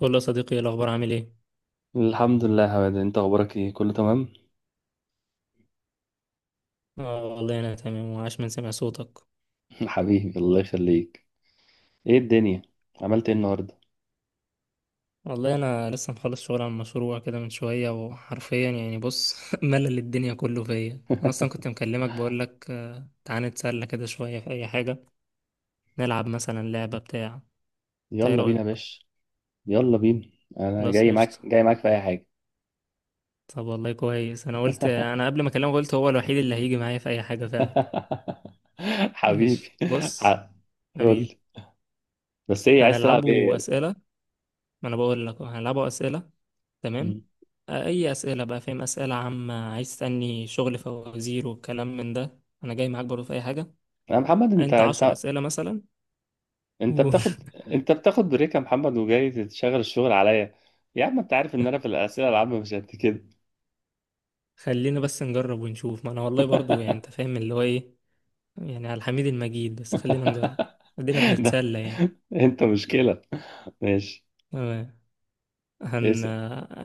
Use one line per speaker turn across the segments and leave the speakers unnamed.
قول له يا صديقي، إيه الأخبار؟ عامل إيه؟
الحمد لله يا هواد، انت اخبارك ايه؟ كله تمام.
آه والله أنا تمام، وعاش من سمع صوتك.
حبيبي، الله يخليك. ايه الدنيا؟ عملت ايه النهارده؟
والله أنا لسه مخلص شغل عن مشروع كده من شوية، وحرفيا يعني بص ملل الدنيا كله فيا. أنا أصلا كنت مكلمك بقولك تعالى نتسلى كده شوية في أي حاجة. نلعب مثلا لعبة بتاع. إنت إيه
يلا بينا
رأيك؟
يا باشا. يلا بينا، انا
خلاص،
جاي
قشطة.
معاك، جاي معاك في اي حاجه.
طب والله كويس، أنا قبل ما أكلمك قلت هو الوحيد اللي هيجي معايا في أي حاجة فعلا.
حبيبي.
ماشي بص.
ع- قول
حبيبي.
لي. بس ايه؟ عايز تلعب
هنلعبه
ايه؟
أسئلة. ما أنا بقول لك أهو، هنلعبه أسئلة.
مم.
تمام. آه، اي اسئله بقى، فاهم، اسئله عامه، عايز تسالني شغل فوازير والكلام من ده، انا جاي معاك برضه في اي حاجه.
يا محمد، انت
انت عشر
انت
اسئله مثلا.
انت بتاخد، انت بتاخد بريك يا محمد وجاي تشغل الشغل عليا؟ يا عم، انت عارف ان انا في الاسئله العامه مش قد كده.
وخلينا بس نجرب ونشوف، ما انا والله برضه يعني انت فاهم اللي هو ايه. يعني على الحميد المجيد، بس خلينا نجرب. ادينا
ده
بنتسلى يعني.
انت مشكله. ماشي،
تمام. هن
اسال.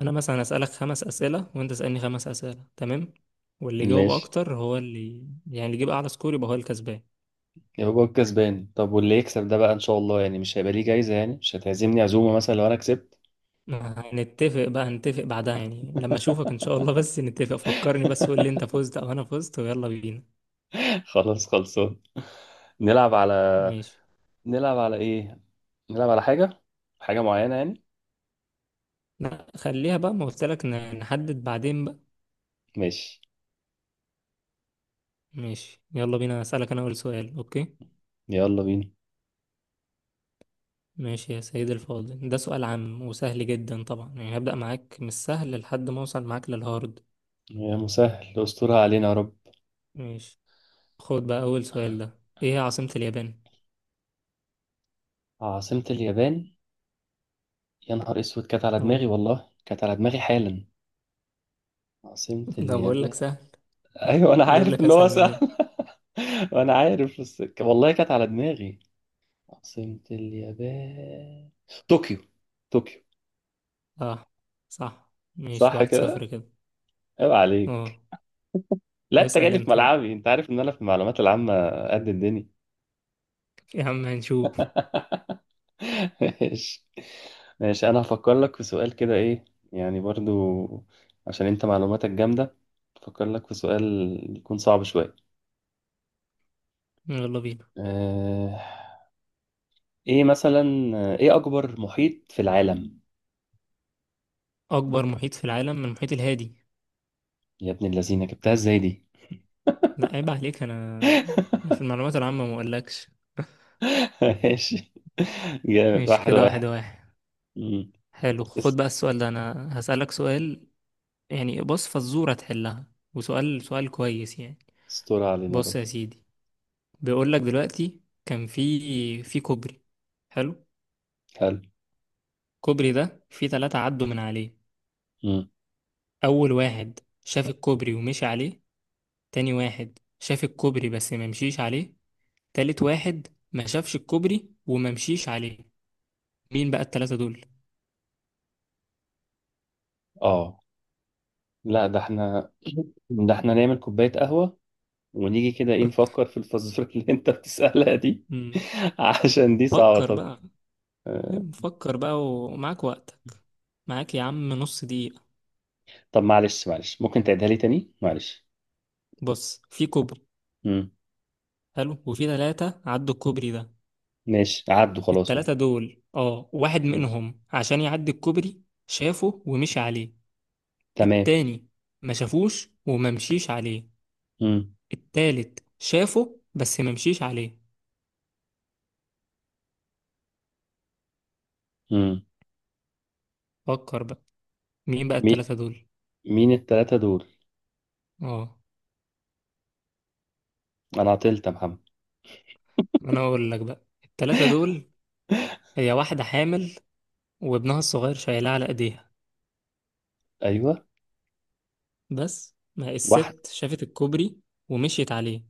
انا مثلا اسالك 5 اسئله وانت اسالني 5 اسئله. تمام. واللي يجاوب
ماشي،
اكتر هو اللي، يعني اللي يجيب اعلى سكور يبقى هو الكسبان.
يبقى هو الكسبان. طب واللي يكسب ده بقى، ان شاء الله يعني مش هيبقى ليه جايزة؟ يعني مش هتعزمني عزومة مثلا لو انا كسبت؟
هنتفق بقى، نتفق بعدها يعني لما اشوفك ان شاء الله، بس نتفق، فكرني بس قول لي انت فزت او انا فزت ويلا بينا.
خلاص، خلصان. نلعب على،
ماشي.
نلعب على ايه؟ نلعب على حاجة، حاجة معينة يعني.
لا خليها بقى، ما قلت لك نحدد بعدين بقى.
ماشي،
ماشي يلا بينا. اسالك انا اول سؤال، اوكي.
يلا بينا.
ماشي يا سيدي الفاضل، ده سؤال عام وسهل جدا طبعا، يعني هبدأ معاك من السهل لحد ما اوصل معاك للهارد.
يا مسهل، استرها علينا يا رب.
ماشي. خد بقى اول سؤال ده، ايه هي عاصمة اليابان؟
عاصمة اليابان؟ يا نهار اسود، كانت على
اه.
دماغي، والله كانت على دماغي حالا. عاصمة
ده بقول لك
اليابان.
سهل.
ايوه، انا
جيب
عارف
لك
ان هو
اسهل من ايه.
سهل. وانا عارف، بس والله كانت على دماغي. عاصمة اليابان طوكيو. طوكيو.
صح. صح. ماشي
صح
واحد
كده؟
صفر كده
عيب عليك.
اه.
لا، انت
اسأل
جالي في
انت بقى.
ملعبي، انت عارف ان انا في المعلومات العامة قد الدنيا.
يا عم هنشوف.
ماشي، ماشي، انا هفكر لك في سؤال كده، ايه يعني، برضو عشان انت معلوماتك جامدة. هفكر لك في سؤال يكون صعب شوية.
يلا بينا.
اه... ايه مثلا؟ ايه اكبر محيط في العالم؟
اكبر محيط في العالم من المحيط الهادي.
يا ابن اللذينة، جبتها ازاي دي؟
لا عيب عليك، انا انا في المعلومات العامة ما اقولكش.
ماشي، جامد،
ماشي
واحد
كده، واحد
واحد.
واحد
مم.
حلو خد
اس-
بقى السؤال ده، انا هسألك سؤال. يعني بص، فزورة تحلها. وسؤال سؤال كويس يعني.
استر علينا يا
بص
رب.
يا سيدي. بيقولك دلوقتي كان في كوبري. حلو.
حلو.
الكوبري ده في ثلاثة عدوا من عليه.
مم.
اول واحد شاف الكوبري ومشي عليه. تاني واحد شاف الكوبري بس ما مشيش عليه. تالت واحد ما شافش الكوبري وما مشيش عليه. مين بقى التلاتة دول؟
اه. لا، ده احنا ده احنا نعمل كوباية قهوة ونيجي كده ايه، نفكر في الفزورة اللي انت بتسألها دي.
مم.
عشان دي صعبة.
فكر
طب،
بقى.
آه،
فكر بقى ومعاك وقتك. معاك يا عم نص دقيقة.
طب معلش، معلش، ممكن تعيدها لي تاني، معلش؟
بص في كوبري.
مم.
حلو. وفي تلاتة عدوا الكوبري ده.
ماشي، عدوا خلاص اهو.
التلاتة دول، اه، واحد
ماشي.
منهم عشان يعدي الكوبري، شافه ومشي عليه.
تمام.
التاني ما شافوش وما مشيش عليه.
مم.
التالت شافه بس ما مشيش عليه.
مم.
فكر بقى. مين بقى
مي...
التلاتة دول؟
مين التلاتة دول؟
اه.
انا عطلت يا محمد.
انا اقول لك بقى التلاتة دول. هي واحدة حامل، وابنها الصغير شايلاه على ايديها،
ايوه.
بس ما
واحد.
الست شافت الكوبري ومشيت عليه.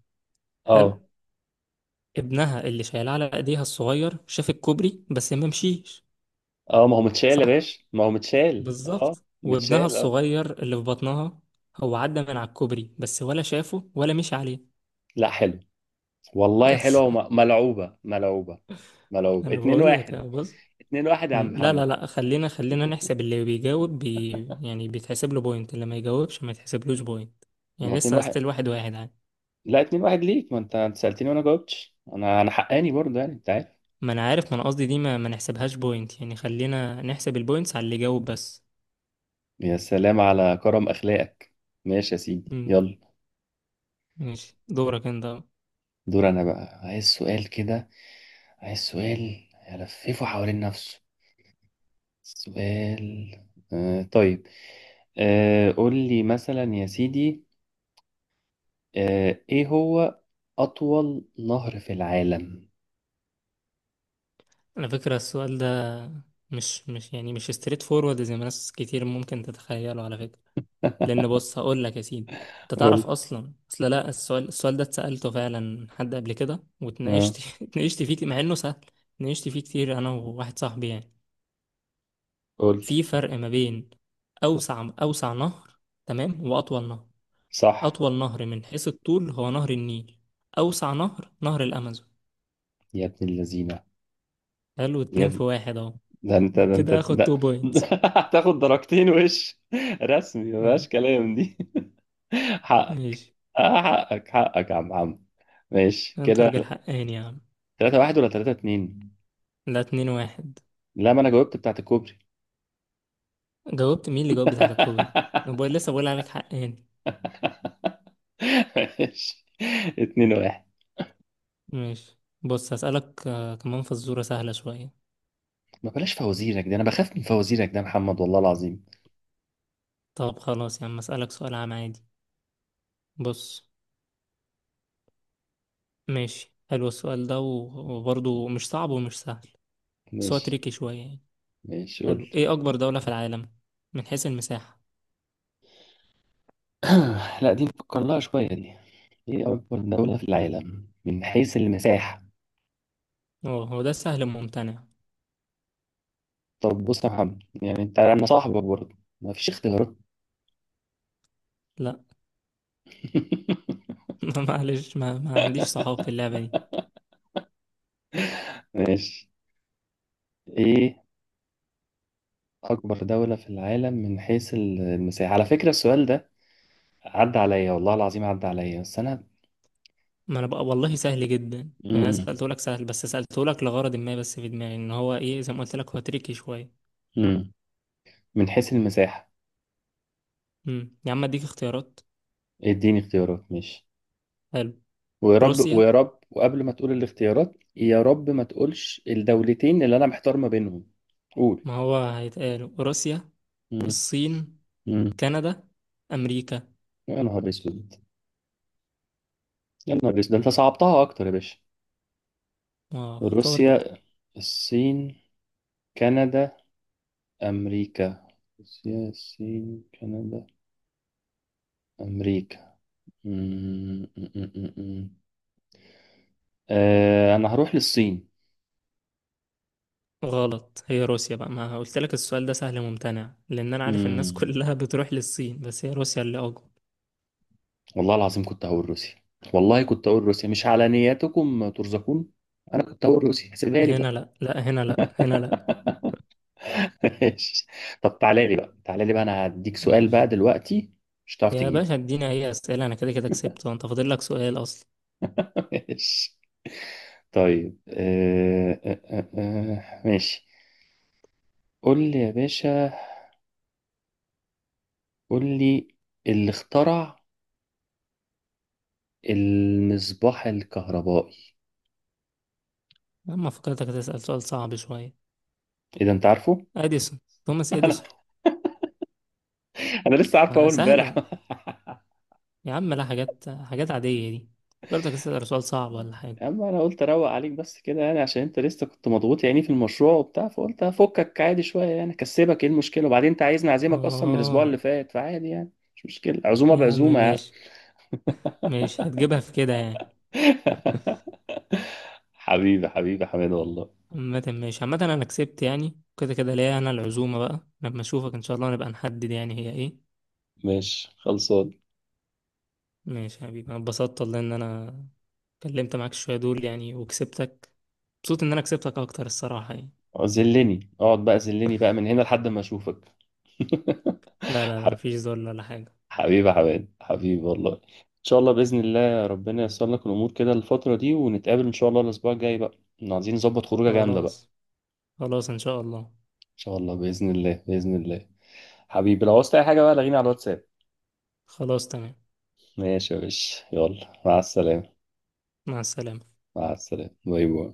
اه.
حلو. ابنها اللي شايلاه على ايديها الصغير شاف الكوبري بس ما مشيش.
اه، ما هو متشال يا
صح،
باشا، ما هو متشال، اه.
بالظبط. وابنها
متشال، اه.
الصغير اللي في بطنها هو عدى من على الكوبري بس ولا شافه ولا مشي عليه.
لا حلو، والله
بس.
حلوة وملعوبة، ملعوبة، ملعوبة.
انا
اتنين
بقول لك يا
واحد.
بص.
2-1 يا
مم،
عم
لا
محمد.
لا لا، خلينا خلينا نحسب اللي بيجاوب بي، يعني بيتحسب له بوينت، اللي ما يجاوبش ما يتحسبلوش بوينت.
ما
يعني
هو 2
لسه
1
ستيل 1-1.
لا، 2-1 ليك، ما انت، انت سألتني وانا جاوبتش، انا انا حقاني برضه يعني، انت عارف.
ما انا عارف، ما انا قصدي دي ما نحسبهاش بوينت، يعني خلينا نحسب البوينتس على اللي جاوب بس.
يا سلام على كرم اخلاقك. ماشي يا سيدي،
امم
يلا.
ماشي دورك انت.
دور انا بقى، عايز سؤال كده، عايز سؤال يلففه حوالين نفسه. سؤال. آه، طيب. آه، قول لي مثلا يا سيدي. آه، ايه هو اطول نهر في العالم؟
على فكرة السؤال ده مش يعني مش ستريت فورورد زي ما ناس كتير ممكن تتخيله على فكرة. لأن بص هقول لك يا سيدي. أنت تعرف
قول.
أصلا لا، السؤال ده اتسألته فعلا من حد قبل كده،
آه،
اتناقشت فيه مع إنه سهل. اتناقشت فيه كتير أنا وواحد صاحبي يعني.
قول.
في فرق ما بين أوسع نهر، تمام، وأطول نهر.
صح.
أطول نهر من حيث الطول هو نهر النيل. أوسع نهر نهر الأمازون.
يا ابن اللذينة.
حلو، اتنين
يا،
في واحد أهو.
ده انت، ده انت
كده هاخد
ده.
تو بوينتس.
هتاخد درجتين؟ وش رسمي، مفيهاش كلام دي. حقك.
ماشي.
آه، حقك، حقك يا عم عم. ماشي
أنت
كده.
راجل حقاني يا عم.
3-1 ولا 3-2؟
ده 2-1.
لا، ما انا جاوبت بتاعت الكوبري.
جاوبت؟ مين اللي جاوب بتاعت الكوبري؟ لسه بقول عليك حقاني.
ماشي، 2-1.
ماشي بص هسألك كمان فزورة سهلة شوية.
ما بلاش فوازيرك دي، انا بخاف من فوازيرك ده يا محمد، والله العظيم.
طب خلاص يا عم، أسألك سؤال عام عادي. بص. ماشي حلو السؤال ده وبرضه مش صعب ومش سهل. بس هو
ماشي.
تريكي شوية يعني.
ماشي،
حلو،
قول.
إيه أكبر دولة في العالم من حيث المساحة؟
لا، دي نفكر لها شوية دي. ايه اكبر دولة في العالم من حيث المساحة؟
اه هو ده سهل ممتنع.
طب بص يا محمد، يعني انت انا صاحبك برضه. مفيش اختيارات؟
لا. معلش، ما عنديش صحاب في اللعبة دي.
ماشي. ايه اكبر دولة في العالم من حيث المساحة؟ على فكرة، السؤال ده عدى عليا، والله العظيم عدى عليا، بس انا.
ما انا بقى والله سهل جدا. يعني انا
مم.
سألته لك سهل، بس سألته لك لغرض ما، بس في دماغي ان هو ايه، زي ما قلت لك هو تريكي شوية.
مم. من حيث المساحة.
يا عم اديك اختيارات.
اديني اختيارات، ماشي.
حلو.
ويا رب،
روسيا.
ويا رب، وقبل ما تقول الاختيارات، يا رب ما تقولش الدولتين اللي انا محتار ما بينهم. قول.
ما هو هيتقال روسيا.
مم.
الصين.
مم.
كندا. امريكا.
يا نهار اسود، يا نهار اسود، ده انت صعبتها اكتر يا باشا.
اه اختار بقى.
روسيا، الصين، كندا، أمريكا. روسيا، الصين، كندا، أمريكا. مم، مم، مم، مم. مم. آه، أنا هروح للصين.
غلط، هي روسيا بقى، ما قلت لك السؤال ده سهل ممتنع، لان انا عارف الناس
مم.
كلها بتروح للصين، بس هي روسيا اللي اكبر.
والله العظيم كنت هقول روسيا. والله كنت هقول روسيا، مش على نياتكم ترزقون. أنا كنت هقول روسيا، سيبها لي بقى.
هنا لا، لا هنا، لا هنا لا.
ماشي. طب تعالى لي بقى، تعالى لي بقى، أنا هديك سؤال
ماشي
بقى دلوقتي مش هتعرف
يا
تجيبه.
باشا اديني اي اسئله، انا كده كده كسبت وانت فاضل لك سؤال اصلا.
ماشي. طيب، ماشي. قول لي يا باشا، قول لي. اللي اخترع المصباح الكهربائي،
اما فكرتك هتسال سؤال صعب شويه.
اذا انت عارفه.
اديسون. توماس
انا،
اديسون.
انا لسه عارفه
ما
اول امبارح.
سهله. يا عم، لا حاجات حاجات عاديه دي. فكرتك هتسال سؤال صعب ولا حاجه.
اما انا قلت اروق عليك بس كده يعني، عشان انت لسه كنت مضغوط يعني في المشروع وبتاع، فقلت افكك عادي شويه يعني، اكسبك ايه المشكله؟ وبعدين انت عايزني اعزمك اصلا من الاسبوع اللي
اه.
فات، فعادي يعني، مش مشكله، عزومه
يا عم
بعزومه يعني.
ماشي. ماشي، هتجيبها في كده يعني.
حبيبي، حبيبي حماد والله.
عامة ماشي، عامة انا كسبت يعني كده كده ليا انا العزومه بقى، لما اشوفك ان شاء الله نبقى نحدد يعني هي ايه.
ماشي، خلصان.
ماشي يا حبيبي، انا اتبسطت والله ان انا كلمت معاك شويه دول يعني وكسبتك. مبسوط ان انا كسبتك اكتر الصراحه يعني.
زلني اقعد بقى، زلني بقى من هنا لحد ما اشوفك.
لا لا لا، مفيش ذل ولا حاجة.
حبيبي يا حماد، حبيبي والله. ان شاء الله باذن الله ربنا ييسر لك الامور كده الفتره دي، ونتقابل ان شاء الله الاسبوع الجاي بقى. إحنا عايزين نظبط خروجه جامده بقى ان
خلاص، خلاص إن شاء الله.
شاء الله، باذن الله، باذن الله. حبيبي، لو عاوزت اي حاجه بقى لغيني على الواتساب.
خلاص تمام.
ماشي يا باشا، يلا، مع السلامه.
مع السلامة.
مع السلامه، باي باي.